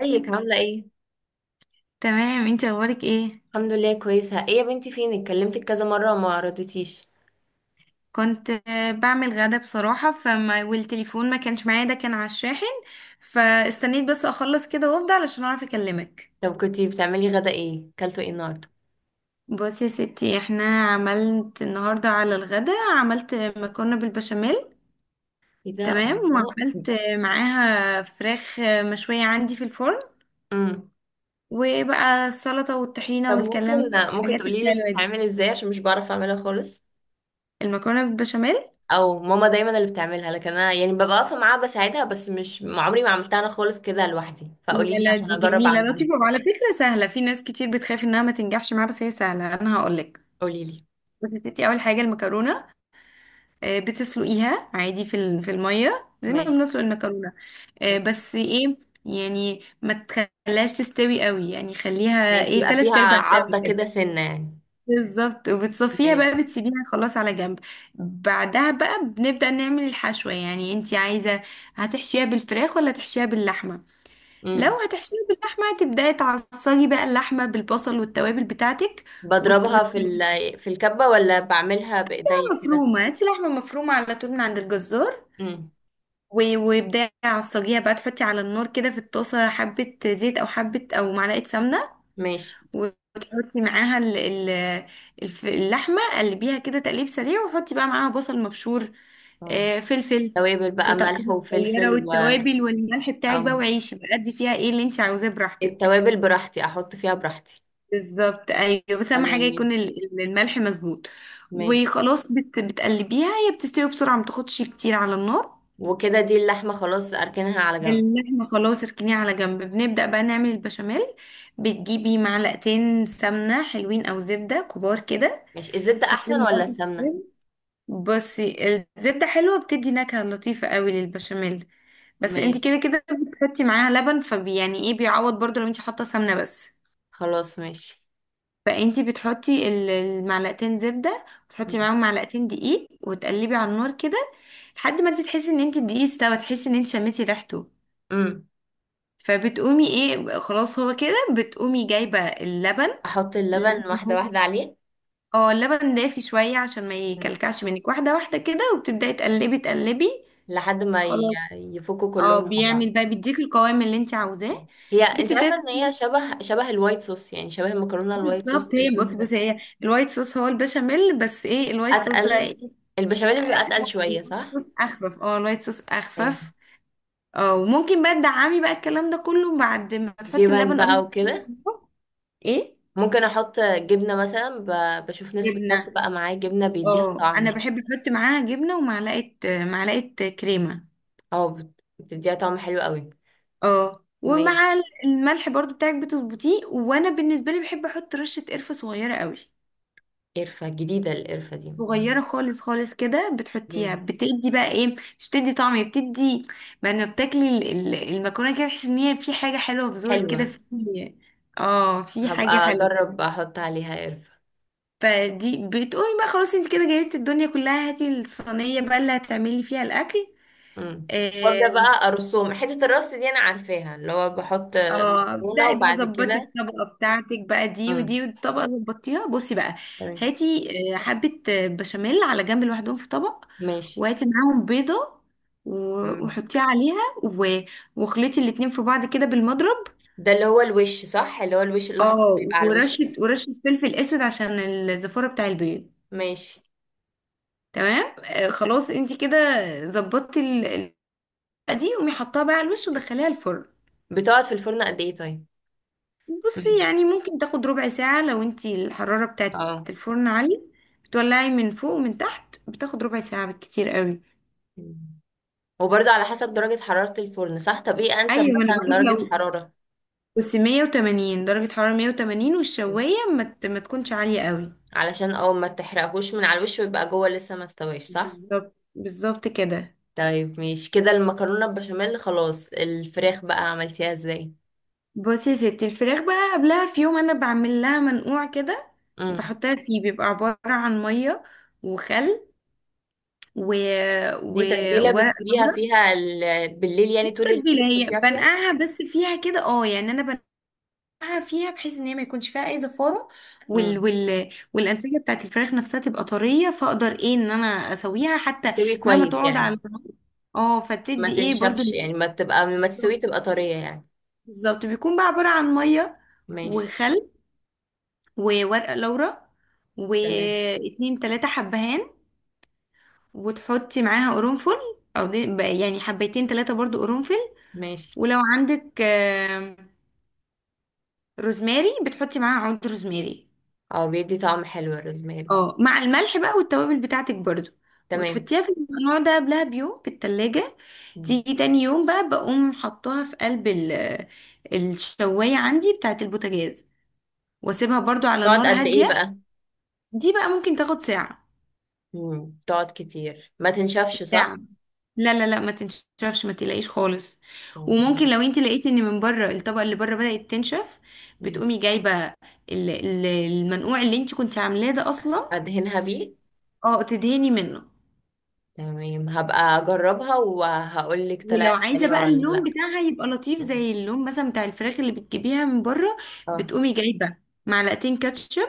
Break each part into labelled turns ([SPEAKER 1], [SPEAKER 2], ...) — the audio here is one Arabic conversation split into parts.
[SPEAKER 1] ازيك، عاملة ايه؟
[SPEAKER 2] تمام، انت اخبارك ايه؟
[SPEAKER 1] الحمد لله، كويسة. ايه يا بنتي، فين؟ اتكلمتك كذا مرة وما ردتيش.
[SPEAKER 2] كنت بعمل غدا بصراحة، فما والتليفون ما كانش معايا، ده كان على الشاحن. فاستنيت بس اخلص كده وافضى علشان اعرف اكلمك.
[SPEAKER 1] طب كنتي بتعملي غدا ايه، كلتوا ايه النهاردة؟
[SPEAKER 2] بصي يا ستي، احنا عملت النهاردة على الغدا، عملت مكرونة بالبشاميل.
[SPEAKER 1] ايه ده،
[SPEAKER 2] تمام،
[SPEAKER 1] الله!
[SPEAKER 2] وعملت معاها فراخ مشوية عندي في الفرن.
[SPEAKER 1] امم.
[SPEAKER 2] وبقى السلطة والطحينة
[SPEAKER 1] طب ممكن،
[SPEAKER 2] والكلام،
[SPEAKER 1] ممكن
[SPEAKER 2] الحاجات
[SPEAKER 1] تقولي لي
[SPEAKER 2] الحلوة دي.
[SPEAKER 1] بتتعمل ازاي عشان مش بعرف اعملها خالص.
[SPEAKER 2] المكرونة بالبشاميل،
[SPEAKER 1] او ماما دايما اللي بتعملها، لكن انا يعني ببقى واقفة معاها بساعدها، بس مش عمري ما عملتها انا خالص كده لوحدي، فقولي
[SPEAKER 2] لا
[SPEAKER 1] لي
[SPEAKER 2] لا
[SPEAKER 1] عشان
[SPEAKER 2] دي
[SPEAKER 1] اجرب
[SPEAKER 2] جميلة
[SPEAKER 1] اعملها.
[SPEAKER 2] لطيفة، وعلى فكرة سهلة. في ناس كتير بتخاف انها ما تنجحش معاها، بس هي سهلة. انا هقولك.
[SPEAKER 1] قولي لي.
[SPEAKER 2] بس يا ستي، اول حاجة المكرونة، بتسلقيها عادي في المية زي ما
[SPEAKER 1] ماشي.
[SPEAKER 2] بنسلق المكرونة.
[SPEAKER 1] طب.
[SPEAKER 2] بس ايه، يعني ما تخليهاش تستوي قوي، يعني خليها
[SPEAKER 1] ماشي،
[SPEAKER 2] ايه،
[SPEAKER 1] يبقى فيها
[SPEAKER 2] تلات ارباع سوا
[SPEAKER 1] عضة
[SPEAKER 2] كده.
[SPEAKER 1] كده، سنة يعني.
[SPEAKER 2] بالظبط. وبتصفيها بقى،
[SPEAKER 1] ماشي.
[SPEAKER 2] بتسيبيها خلاص على جنب. بعدها بقى بنبدأ نعمل الحشوة. يعني انتي عايزة هتحشيها بالفراخ ولا تحشيها باللحمة؟ لو
[SPEAKER 1] امم.
[SPEAKER 2] هتحشيه باللحمة، تبدأي تعصجي بقى اللحمة بالبصل والتوابل بتاعتك. وت...
[SPEAKER 1] بضربها
[SPEAKER 2] وت...
[SPEAKER 1] في الكبة، ولا بعملها بايديا كده؟
[SPEAKER 2] مفرومة، هاتي لحمة مفرومة على طول من عند الجزار.
[SPEAKER 1] امم.
[SPEAKER 2] وابدأي عصجيها بقى، تحطي على النار كده في الطاسة حبة زيت أو حبة أو معلقة سمنة.
[SPEAKER 1] ماشي.
[SPEAKER 2] وتحطي معاها اللحمة، قلبيها كده تقليب سريع، وحطي بقى معاها بصل مبشور.
[SPEAKER 1] اه.
[SPEAKER 2] فلفل،
[SPEAKER 1] توابل بقى،
[SPEAKER 2] قطع
[SPEAKER 1] ملح
[SPEAKER 2] كده صغيرة،
[SPEAKER 1] وفلفل و...
[SPEAKER 2] والتوابل والملح بتاعك
[SPEAKER 1] او،
[SPEAKER 2] بقى، وعيشي بقى ادي فيها ايه اللي انت عاوزاه براحتك.
[SPEAKER 1] التوابل براحتي، احط فيها براحتي.
[SPEAKER 2] بالظبط، ايوه. بس اهم
[SPEAKER 1] تمام،
[SPEAKER 2] حاجه
[SPEAKER 1] ماشي.
[SPEAKER 2] يكون الملح مظبوط.
[SPEAKER 1] ماشي.
[SPEAKER 2] وخلاص، بتقلبيها، هي بتستوي بسرعه، ما تاخدش كتير على النار.
[SPEAKER 1] وكده دي اللحمة خلاص اركنها على جنب؟
[SPEAKER 2] اللحمه خلاص اركنيها على جنب، بنبدا بقى نعمل البشاميل. بتجيبي معلقتين سمنه حلوين او زبده كبار كده،
[SPEAKER 1] ماشي. الزبدة احسن
[SPEAKER 2] تحطيهم
[SPEAKER 1] ولا
[SPEAKER 2] برضه في
[SPEAKER 1] السمنة؟
[SPEAKER 2] الفرن. بصي، الزبده حلوه، بتدي نكهه لطيفه قوي للبشاميل، بس انت
[SPEAKER 1] ماشي.
[SPEAKER 2] كده كده بتحطي معاها لبن، فبي يعني ايه بيعوض برضه لو انت حاطه سمنه بس.
[SPEAKER 1] خلاص ماشي.
[SPEAKER 2] فانتي بتحطي المعلقتين زبدة، وتحطي معاهم معلقتين دقيق، وتقلبي على النار كده لحد ما انت تحسي ان انت الدقيق استوى، تحسي ان انت شميتي ريحته.
[SPEAKER 1] امم.
[SPEAKER 2] فبتقومي ايه، خلاص هو كده، بتقومي جايبة اللبن.
[SPEAKER 1] احط اللبن
[SPEAKER 2] اللبن
[SPEAKER 1] واحدة
[SPEAKER 2] هو
[SPEAKER 1] واحدة عليه؟
[SPEAKER 2] اه اللبن دافي شوية عشان ما
[SPEAKER 1] مم.
[SPEAKER 2] يكلكعش منك، واحدة واحدة كده، وبتبدأي تقلبي تقلبي.
[SPEAKER 1] لحد ما
[SPEAKER 2] خلاص،
[SPEAKER 1] يفكوا
[SPEAKER 2] اه،
[SPEAKER 1] كلهم مع بعض.
[SPEAKER 2] بيعمل بقى بيديك القوام اللي انت عاوزاه.
[SPEAKER 1] هي انت
[SPEAKER 2] بتبدأي
[SPEAKER 1] عارفة ان هي شبه الوايت صوص؟ يعني شبه المكرونة الوايت صوص،
[SPEAKER 2] بالظبط. هي
[SPEAKER 1] الصوص
[SPEAKER 2] بصي
[SPEAKER 1] ده.
[SPEAKER 2] بصي هي الوايت صوص هو البشاميل، بس ايه الوايت صوص بقى
[SPEAKER 1] اتقل،
[SPEAKER 2] ايه،
[SPEAKER 1] البشاميل بيبقى
[SPEAKER 2] لا،
[SPEAKER 1] اتقل شوية
[SPEAKER 2] الوايت
[SPEAKER 1] صح؟
[SPEAKER 2] صوص اخفف، اه الوايت صوص
[SPEAKER 1] ايوه.
[SPEAKER 2] اخفف. اه، وممكن بقى تدعمي بقى الكلام ده كله بعد ما تحطي
[SPEAKER 1] جبن
[SPEAKER 2] اللبن قبل
[SPEAKER 1] بقى
[SPEAKER 2] ما تسخني.
[SPEAKER 1] وكده؟
[SPEAKER 2] ايه،
[SPEAKER 1] ممكن احط جبنه مثلا، بشوف ناس بتحط
[SPEAKER 2] جبنه.
[SPEAKER 1] بقى معاه جبنه بيديها
[SPEAKER 2] اه انا
[SPEAKER 1] طعم.
[SPEAKER 2] بحب احط معاها جبنه ومعلقه، معلقه كريمه.
[SPEAKER 1] اه، بتديها طعم حلو قوي.
[SPEAKER 2] اه، ومع
[SPEAKER 1] ماشي.
[SPEAKER 2] الملح برضو بتاعك بتظبطيه، وانا بالنسبه لي بحب احط رشه قرفه صغيره قوي،
[SPEAKER 1] قرفه؟ جديده القرفه دي؟
[SPEAKER 2] صغيرة خالص خالص كده، بتحطيها
[SPEAKER 1] مم.
[SPEAKER 2] بتدي بقى ايه، مش بتدي طعم، هي بتدي بقى لما بتاكلي المكرونة كده، تحسي ان هي في حاجة حلوة في زورك كده،
[SPEAKER 1] حلوه.
[SPEAKER 2] في اه، في حاجة
[SPEAKER 1] هبقى
[SPEAKER 2] حلوة.
[SPEAKER 1] اجرب احط عليها قرفه.
[SPEAKER 2] فدي بتقومي بقى خلاص، انت كده جهزتي الدنيا كلها، هاتي الصينية بقى اللي هتعملي فيها الأكل.
[SPEAKER 1] مم. وابدا
[SPEAKER 2] آه،
[SPEAKER 1] بقى ارسم حته الرص دي، انا عارفاها اللي هو بحط
[SPEAKER 2] اه
[SPEAKER 1] مكرونه
[SPEAKER 2] دعي بقى،
[SPEAKER 1] وبعد
[SPEAKER 2] ظبطي
[SPEAKER 1] كده.
[SPEAKER 2] الطبقة بتاعتك بقى، دي
[SPEAKER 1] مم.
[SPEAKER 2] ودي، والطبقة ظبطيها. بصي بقى،
[SPEAKER 1] تمام.
[SPEAKER 2] هاتي حبة بشاميل على جنب لوحدهم في طبق،
[SPEAKER 1] ماشي.
[SPEAKER 2] وهاتي معاهم بيضة،
[SPEAKER 1] مم.
[SPEAKER 2] وحطيها عليها واخلطي الاتنين في بعض كده بالمضرب.
[SPEAKER 1] ده اللي هو الوش صح؟ اللي هو الوش الاحمر اللي
[SPEAKER 2] اه،
[SPEAKER 1] بيبقى على الوش ده.
[SPEAKER 2] ورشة فلفل اسود عشان الزفارة بتاع البيض.
[SPEAKER 1] ماشي.
[SPEAKER 2] تمام، خلاص انتي كده ظبطتي دي، قومي حطها بقى على الوش ودخليها الفرن.
[SPEAKER 1] بتقعد في الفرن قد ايه طيب؟
[SPEAKER 2] بصي، يعني ممكن تاخد ربع ساعة لو انتي الحرارة بتاعت
[SPEAKER 1] اه.
[SPEAKER 2] الفرن عالية، بتولعي من فوق ومن تحت، بتاخد ربع ساعة بالكتير قوي.
[SPEAKER 1] مم. وبرضه على حسب درجة حرارة الفرن صح؟ طب ايه انسب
[SPEAKER 2] ايوه، ما انا
[SPEAKER 1] مثلا
[SPEAKER 2] بقولك،
[SPEAKER 1] درجة
[SPEAKER 2] لو
[SPEAKER 1] حرارة؟
[SPEAKER 2] بس 180 درجة، حرارة 180، والشواية ما, ما تكونش عالية قوي.
[SPEAKER 1] علشان اه ما تحرقهوش من على الوش ويبقى جوه لسه ما استويش صح؟
[SPEAKER 2] بالظبط بالظبط كده.
[SPEAKER 1] طيب ماشي كده المكرونة البشاميل خلاص. الفراخ بقى عملتيها ازاي؟
[SPEAKER 2] بصي يا ستي، الفراخ بقى قبلها في يوم انا بعمل لها منقوع كده،
[SPEAKER 1] امم.
[SPEAKER 2] بحطها فيه، بيبقى عبارة عن مية وخل و... و...
[SPEAKER 1] دي تتبيلة
[SPEAKER 2] وورق
[SPEAKER 1] بتسيبيها
[SPEAKER 2] لورا.
[SPEAKER 1] فيها بالليل يعني
[SPEAKER 2] مش
[SPEAKER 1] طول الليل؟
[SPEAKER 2] تتبيلة، هي
[SPEAKER 1] بتحطيها فيها.
[SPEAKER 2] بنقعها بس فيها كده، اه يعني انا فيها بحيث ان هي ما يكونش فيها اي زفاره،
[SPEAKER 1] امم.
[SPEAKER 2] والانسجه بتاعت الفراخ نفسها تبقى طريه، فاقدر ايه ان انا اسويها حتى
[SPEAKER 1] تستوي
[SPEAKER 2] مهما
[SPEAKER 1] كويس
[SPEAKER 2] تقعد
[SPEAKER 1] يعني،
[SPEAKER 2] على النار. اه،
[SPEAKER 1] ما
[SPEAKER 2] فتدي ايه برضو
[SPEAKER 1] تنشفش يعني، ما تبقى، ما تستوي،
[SPEAKER 2] بالظبط.
[SPEAKER 1] تبقى طرية يعني.
[SPEAKER 2] بالظبط. بيكون بقى عباره عن ميه
[SPEAKER 1] ماشي.
[SPEAKER 2] وخل وورقه لورا
[SPEAKER 1] تمام.
[SPEAKER 2] واتنين تلاتة حبهان، وتحطي معاها قرنفل، او دي بقى يعني حبيتين تلاتة برضو قرنفل.
[SPEAKER 1] ماشي.
[SPEAKER 2] ولو عندك روزماري، بتحطي معاها عود روزماري.
[SPEAKER 1] اه، بيدي طعم حلو الروزماري.
[SPEAKER 2] اه، مع الملح بقى والتوابل بتاعتك برضو،
[SPEAKER 1] تمام.
[SPEAKER 2] وتحطيها في النوع ده قبلها بيوم في التلاجة. تيجي تاني يوم بقى، بقوم حطاها في قلب الشواية عندي بتاعت البوتاجاز، واسيبها برضو على
[SPEAKER 1] تقعد
[SPEAKER 2] نار
[SPEAKER 1] قد ايه
[SPEAKER 2] هادية.
[SPEAKER 1] بقى؟
[SPEAKER 2] دي بقى ممكن تاخد ساعة،
[SPEAKER 1] مم. تقعد كتير، ما تنشفش
[SPEAKER 2] ساعة.
[SPEAKER 1] صح؟
[SPEAKER 2] لا ما تنشفش، ما تقلقيش خالص. وممكن
[SPEAKER 1] مم.
[SPEAKER 2] لو انت لقيتي ان من بره الطبقة اللي بره بدأت تنشف،
[SPEAKER 1] مم.
[SPEAKER 2] بتقومي جايبة ال- المنقوع اللي انت كنت عاملاه ده اصلا.
[SPEAKER 1] ادهنها بيه.
[SPEAKER 2] اه، تدهني منه.
[SPEAKER 1] تمام، هبقى اجربها وهقول لك
[SPEAKER 2] ولو
[SPEAKER 1] طلعت
[SPEAKER 2] عايزه
[SPEAKER 1] حلوة
[SPEAKER 2] بقى
[SPEAKER 1] ولا لا.
[SPEAKER 2] اللون بتاعها يبقى لطيف
[SPEAKER 1] مم.
[SPEAKER 2] زي اللون مثلا بتاع الفراخ اللي بتجيبيها من بره،
[SPEAKER 1] اه.
[SPEAKER 2] بتقومي جايبه معلقتين كاتشب،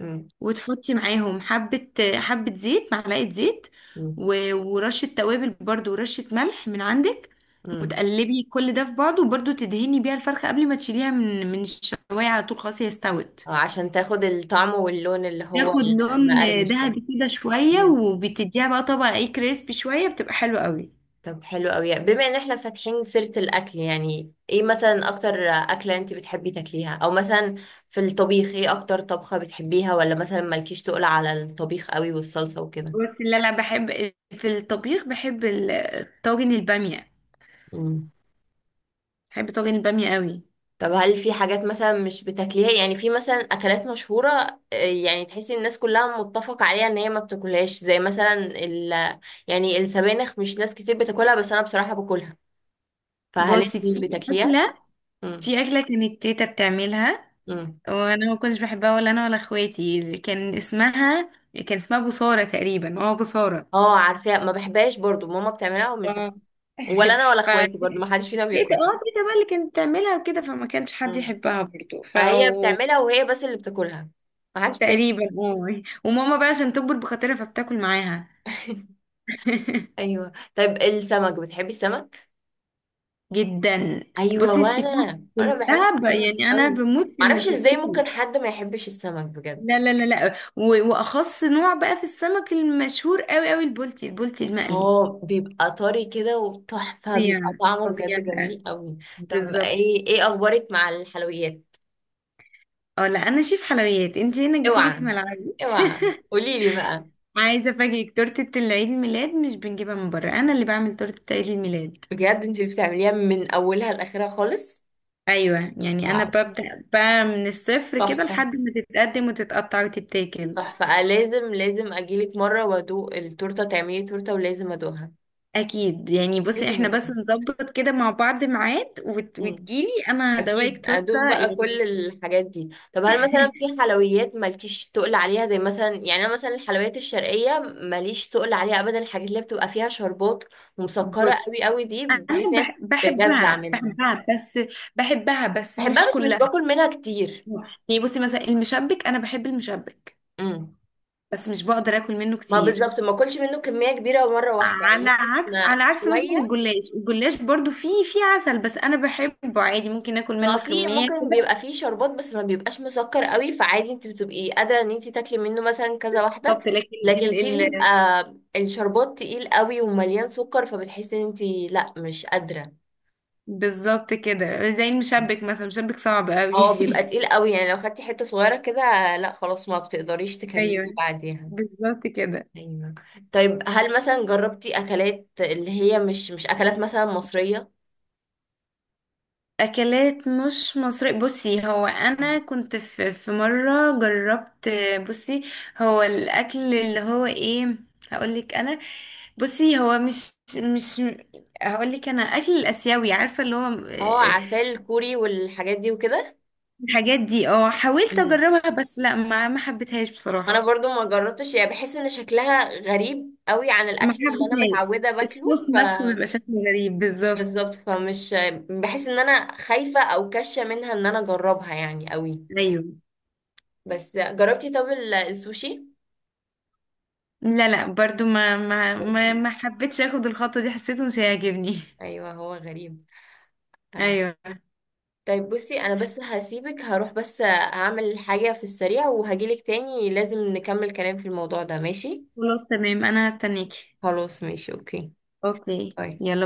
[SPEAKER 1] مم.
[SPEAKER 2] وتحطي معاهم حبه زيت، معلقه زيت،
[SPEAKER 1] مم.
[SPEAKER 2] ورشه توابل برضو، ورشه ملح من عندك،
[SPEAKER 1] مم.
[SPEAKER 2] وتقلبي كل ده في بعضه، وبرضو تدهني بيها الفرخه قبل ما تشيليها من من الشوايه على طول، خلاص هي استوت.
[SPEAKER 1] عشان تاخد الطعم واللون اللي هو
[SPEAKER 2] تاخد لون
[SPEAKER 1] المقرمش ده.
[SPEAKER 2] ذهبي كده شويه،
[SPEAKER 1] مم.
[SPEAKER 2] وبتديها بقى طبقه ايه كريسبي شويه، بتبقى حلوه قوي.
[SPEAKER 1] طب حلو قوي، بما ان احنا فاتحين سيرة الاكل، يعني ايه مثلا اكتر اكلة انت بتحبي تاكليها؟ او مثلا في الطبيخ ايه اكتر طبخة بتحبيها؟ ولا مثلا مالكيش تقول على الطبيخ قوي والصلصة وكده؟
[SPEAKER 2] بس اللي انا بحب في الطبيخ، بحب طاجن الباميه،
[SPEAKER 1] مم.
[SPEAKER 2] بحب طاجن الباميه قوي.
[SPEAKER 1] طب هل في حاجات مثلا مش بتاكليها؟ يعني في مثلا اكلات مشهوره، يعني تحسي إن الناس كلها متفقه عليها ان هي ما بتاكلهاش، زي مثلا يعني السبانخ، مش ناس كتير بتاكلها بس انا بصراحه باكلها، فهل انت
[SPEAKER 2] بصي،
[SPEAKER 1] بتاكليها؟
[SPEAKER 2] اكله
[SPEAKER 1] امم.
[SPEAKER 2] في اكله كانت تيتا بتعملها
[SPEAKER 1] امم.
[SPEAKER 2] وانا ما كنتش بحبها، ولا انا ولا اخواتي. كان اسمها بصاره تقريبا، اه بصاره.
[SPEAKER 1] اه عارفاها، ما بحبهاش برضو. ماما بتعملها ومش بحبها،
[SPEAKER 2] اه
[SPEAKER 1] ولا انا ولا اخواتي برضو ما
[SPEAKER 2] فتيتا،
[SPEAKER 1] حدش فينا بياكلها.
[SPEAKER 2] اه تيتا بقى اللي كانت بتعملها وكده، فما كانش حد
[SPEAKER 1] امم.
[SPEAKER 2] يحبها برضو. ف
[SPEAKER 1] هي بتعملها وهي بس اللي بتاكلها، ما حدش تاني.
[SPEAKER 2] تقريبا اه، وماما بقى عشان تكبر بخاطرها فبتاكل معاها.
[SPEAKER 1] ايوه. طيب السمك، بتحبي السمك؟
[SPEAKER 2] جدا.
[SPEAKER 1] ايوه
[SPEAKER 2] بصي السي فود
[SPEAKER 1] وانا، انا بحب
[SPEAKER 2] كلها،
[SPEAKER 1] السمك
[SPEAKER 2] يعني انا
[SPEAKER 1] قوي.
[SPEAKER 2] بموت
[SPEAKER 1] معرفش
[SPEAKER 2] في
[SPEAKER 1] ازاي
[SPEAKER 2] السي
[SPEAKER 1] ممكن
[SPEAKER 2] فود.
[SPEAKER 1] حد ما يحبش السمك بجد.
[SPEAKER 2] لا واخص نوع بقى في السمك المشهور قوي قوي، البولتي، البولتي المقلي.
[SPEAKER 1] هو بيبقى طري كده وتحفه،
[SPEAKER 2] فظيع،
[SPEAKER 1] بيبقى طعمه
[SPEAKER 2] فظيع
[SPEAKER 1] بجد
[SPEAKER 2] بقى.
[SPEAKER 1] جميل قوي. طب
[SPEAKER 2] بالظبط.
[SPEAKER 1] ايه، اخبارك مع الحلويات؟
[SPEAKER 2] اه لا، انا شيف حلويات، انت هنا جيتي لي في
[SPEAKER 1] اوعى،
[SPEAKER 2] ملعبي.
[SPEAKER 1] اوعى، قولي لي بقى.
[SPEAKER 2] عايزه افاجئك، تورته العيد الميلاد مش بنجيبها من بره، انا اللي بعمل تورته عيد الميلاد.
[SPEAKER 1] بجد انت اللي بتعمليها من اولها لاخرها خالص؟
[SPEAKER 2] ايوه، يعني انا
[SPEAKER 1] واو.
[SPEAKER 2] ببدا بقى من الصفر كده
[SPEAKER 1] تحفه،
[SPEAKER 2] لحد ما تتقدم وتتقطع وتتاكل.
[SPEAKER 1] تحفه، لازم لازم اجيلك مره وادوق التورته. تعملي تورته ولازم ادوقها.
[SPEAKER 2] اكيد، يعني بصي
[SPEAKER 1] لازم
[SPEAKER 2] احنا بس
[SPEAKER 1] ادوقها.
[SPEAKER 2] نظبط كده مع بعض ميعاد، وتجيلي انا
[SPEAKER 1] اكيد
[SPEAKER 2] هدوقك تورته
[SPEAKER 1] ادوق بقى كل
[SPEAKER 2] يعني.
[SPEAKER 1] الحاجات دي. طب هل مثلا في حلويات مالكيش تقل عليها؟ زي مثلا، يعني انا مثلا الحلويات الشرقيه ماليش تقل عليها ابدا. الحاجات اللي بتبقى فيها شربات ومسكره
[SPEAKER 2] بصي،
[SPEAKER 1] قوي قوي دي، بحس ان هي بتجزع
[SPEAKER 2] بحبها،
[SPEAKER 1] منها.
[SPEAKER 2] بس بحبها بس
[SPEAKER 1] بحبها
[SPEAKER 2] مش
[SPEAKER 1] بس مش
[SPEAKER 2] كلها.
[SPEAKER 1] باكل منها كتير.
[SPEAKER 2] يعني بصي مثلا المشبك، انا بحب المشبك
[SPEAKER 1] امم.
[SPEAKER 2] بس مش بقدر اكل منه
[SPEAKER 1] ما
[SPEAKER 2] كتير.
[SPEAKER 1] بالظبط، ما اكلش منه كميه كبيره مره واحده يعني، ممكن
[SPEAKER 2] على عكس مثلا
[SPEAKER 1] شويه.
[SPEAKER 2] الجلاش، الجلاش برضو فيه عسل، بس انا بحبه عادي، ممكن اكل
[SPEAKER 1] ما
[SPEAKER 2] منه
[SPEAKER 1] في
[SPEAKER 2] كمية
[SPEAKER 1] ممكن
[SPEAKER 2] كده.
[SPEAKER 1] بيبقى فيه شربات بس ما بيبقاش مسكر قوي، فعادي انت بتبقي قادرة ان انت تاكلي منه مثلا كذا واحدة.
[SPEAKER 2] بالظبط. لكن
[SPEAKER 1] لكن في
[SPEAKER 2] ال...
[SPEAKER 1] بيبقى
[SPEAKER 2] ال...
[SPEAKER 1] الشربات تقيل قوي ومليان سكر، فبتحسي ان انت لا مش قادرة.
[SPEAKER 2] بالظبط كده، زي المشبك مثلا، المشبك صعب قوي.
[SPEAKER 1] اه بيبقى تقيل قوي، يعني لو خدتي حتة صغيرة كده، لا خلاص ما بتقدريش تكملي
[SPEAKER 2] ايوه،
[SPEAKER 1] بعديها.
[SPEAKER 2] بالظبط كده.
[SPEAKER 1] ايوه. طيب هل مثلا جربتي اكلات اللي هي مش اكلات مثلا مصرية؟
[SPEAKER 2] اكلات مش مصرية، بصي هو انا كنت في مرة جربت. بصي هو الاكل اللي هو ايه، هقولك انا. بصي هو مش مش هقولك انا، اكل الاسيوي عارفة اللي هو
[SPEAKER 1] اه عارفة الكوري والحاجات دي وكده.
[SPEAKER 2] الحاجات دي. اه، حاولت اجربها بس لا، ما حبيتهاش
[SPEAKER 1] انا
[SPEAKER 2] بصراحة،
[SPEAKER 1] برضو ما جربتش يعني، بحس ان شكلها غريب قوي عن
[SPEAKER 2] ما
[SPEAKER 1] الاكل اللي انا
[SPEAKER 2] حبتهاش.
[SPEAKER 1] متعوده باكله
[SPEAKER 2] الصوص
[SPEAKER 1] ف...
[SPEAKER 2] نفسه بيبقى شكله غريب، بالظبط.
[SPEAKER 1] بالظبط، فمش، بحس ان انا خايفه او كشه منها ان انا اجربها يعني قوي.
[SPEAKER 2] ايوه.
[SPEAKER 1] بس جربتي طب السوشي؟
[SPEAKER 2] لا برضو
[SPEAKER 1] برضو.
[SPEAKER 2] ما حبيتش اخد الخطوة دي، حسيته مش هيعجبني.
[SPEAKER 1] ايوه هو غريب. آه.
[SPEAKER 2] ايوه.
[SPEAKER 1] طيب بصي، انا بس هسيبك، هروح بس هعمل حاجه في السريع وهجيلك تاني، لازم نكمل كلام في الموضوع ده ماشي؟
[SPEAKER 2] خلاص، تمام، انا هستنيكي.
[SPEAKER 1] خلاص ماشي، اوكي.
[SPEAKER 2] اوكي،
[SPEAKER 1] باي.
[SPEAKER 2] يلا.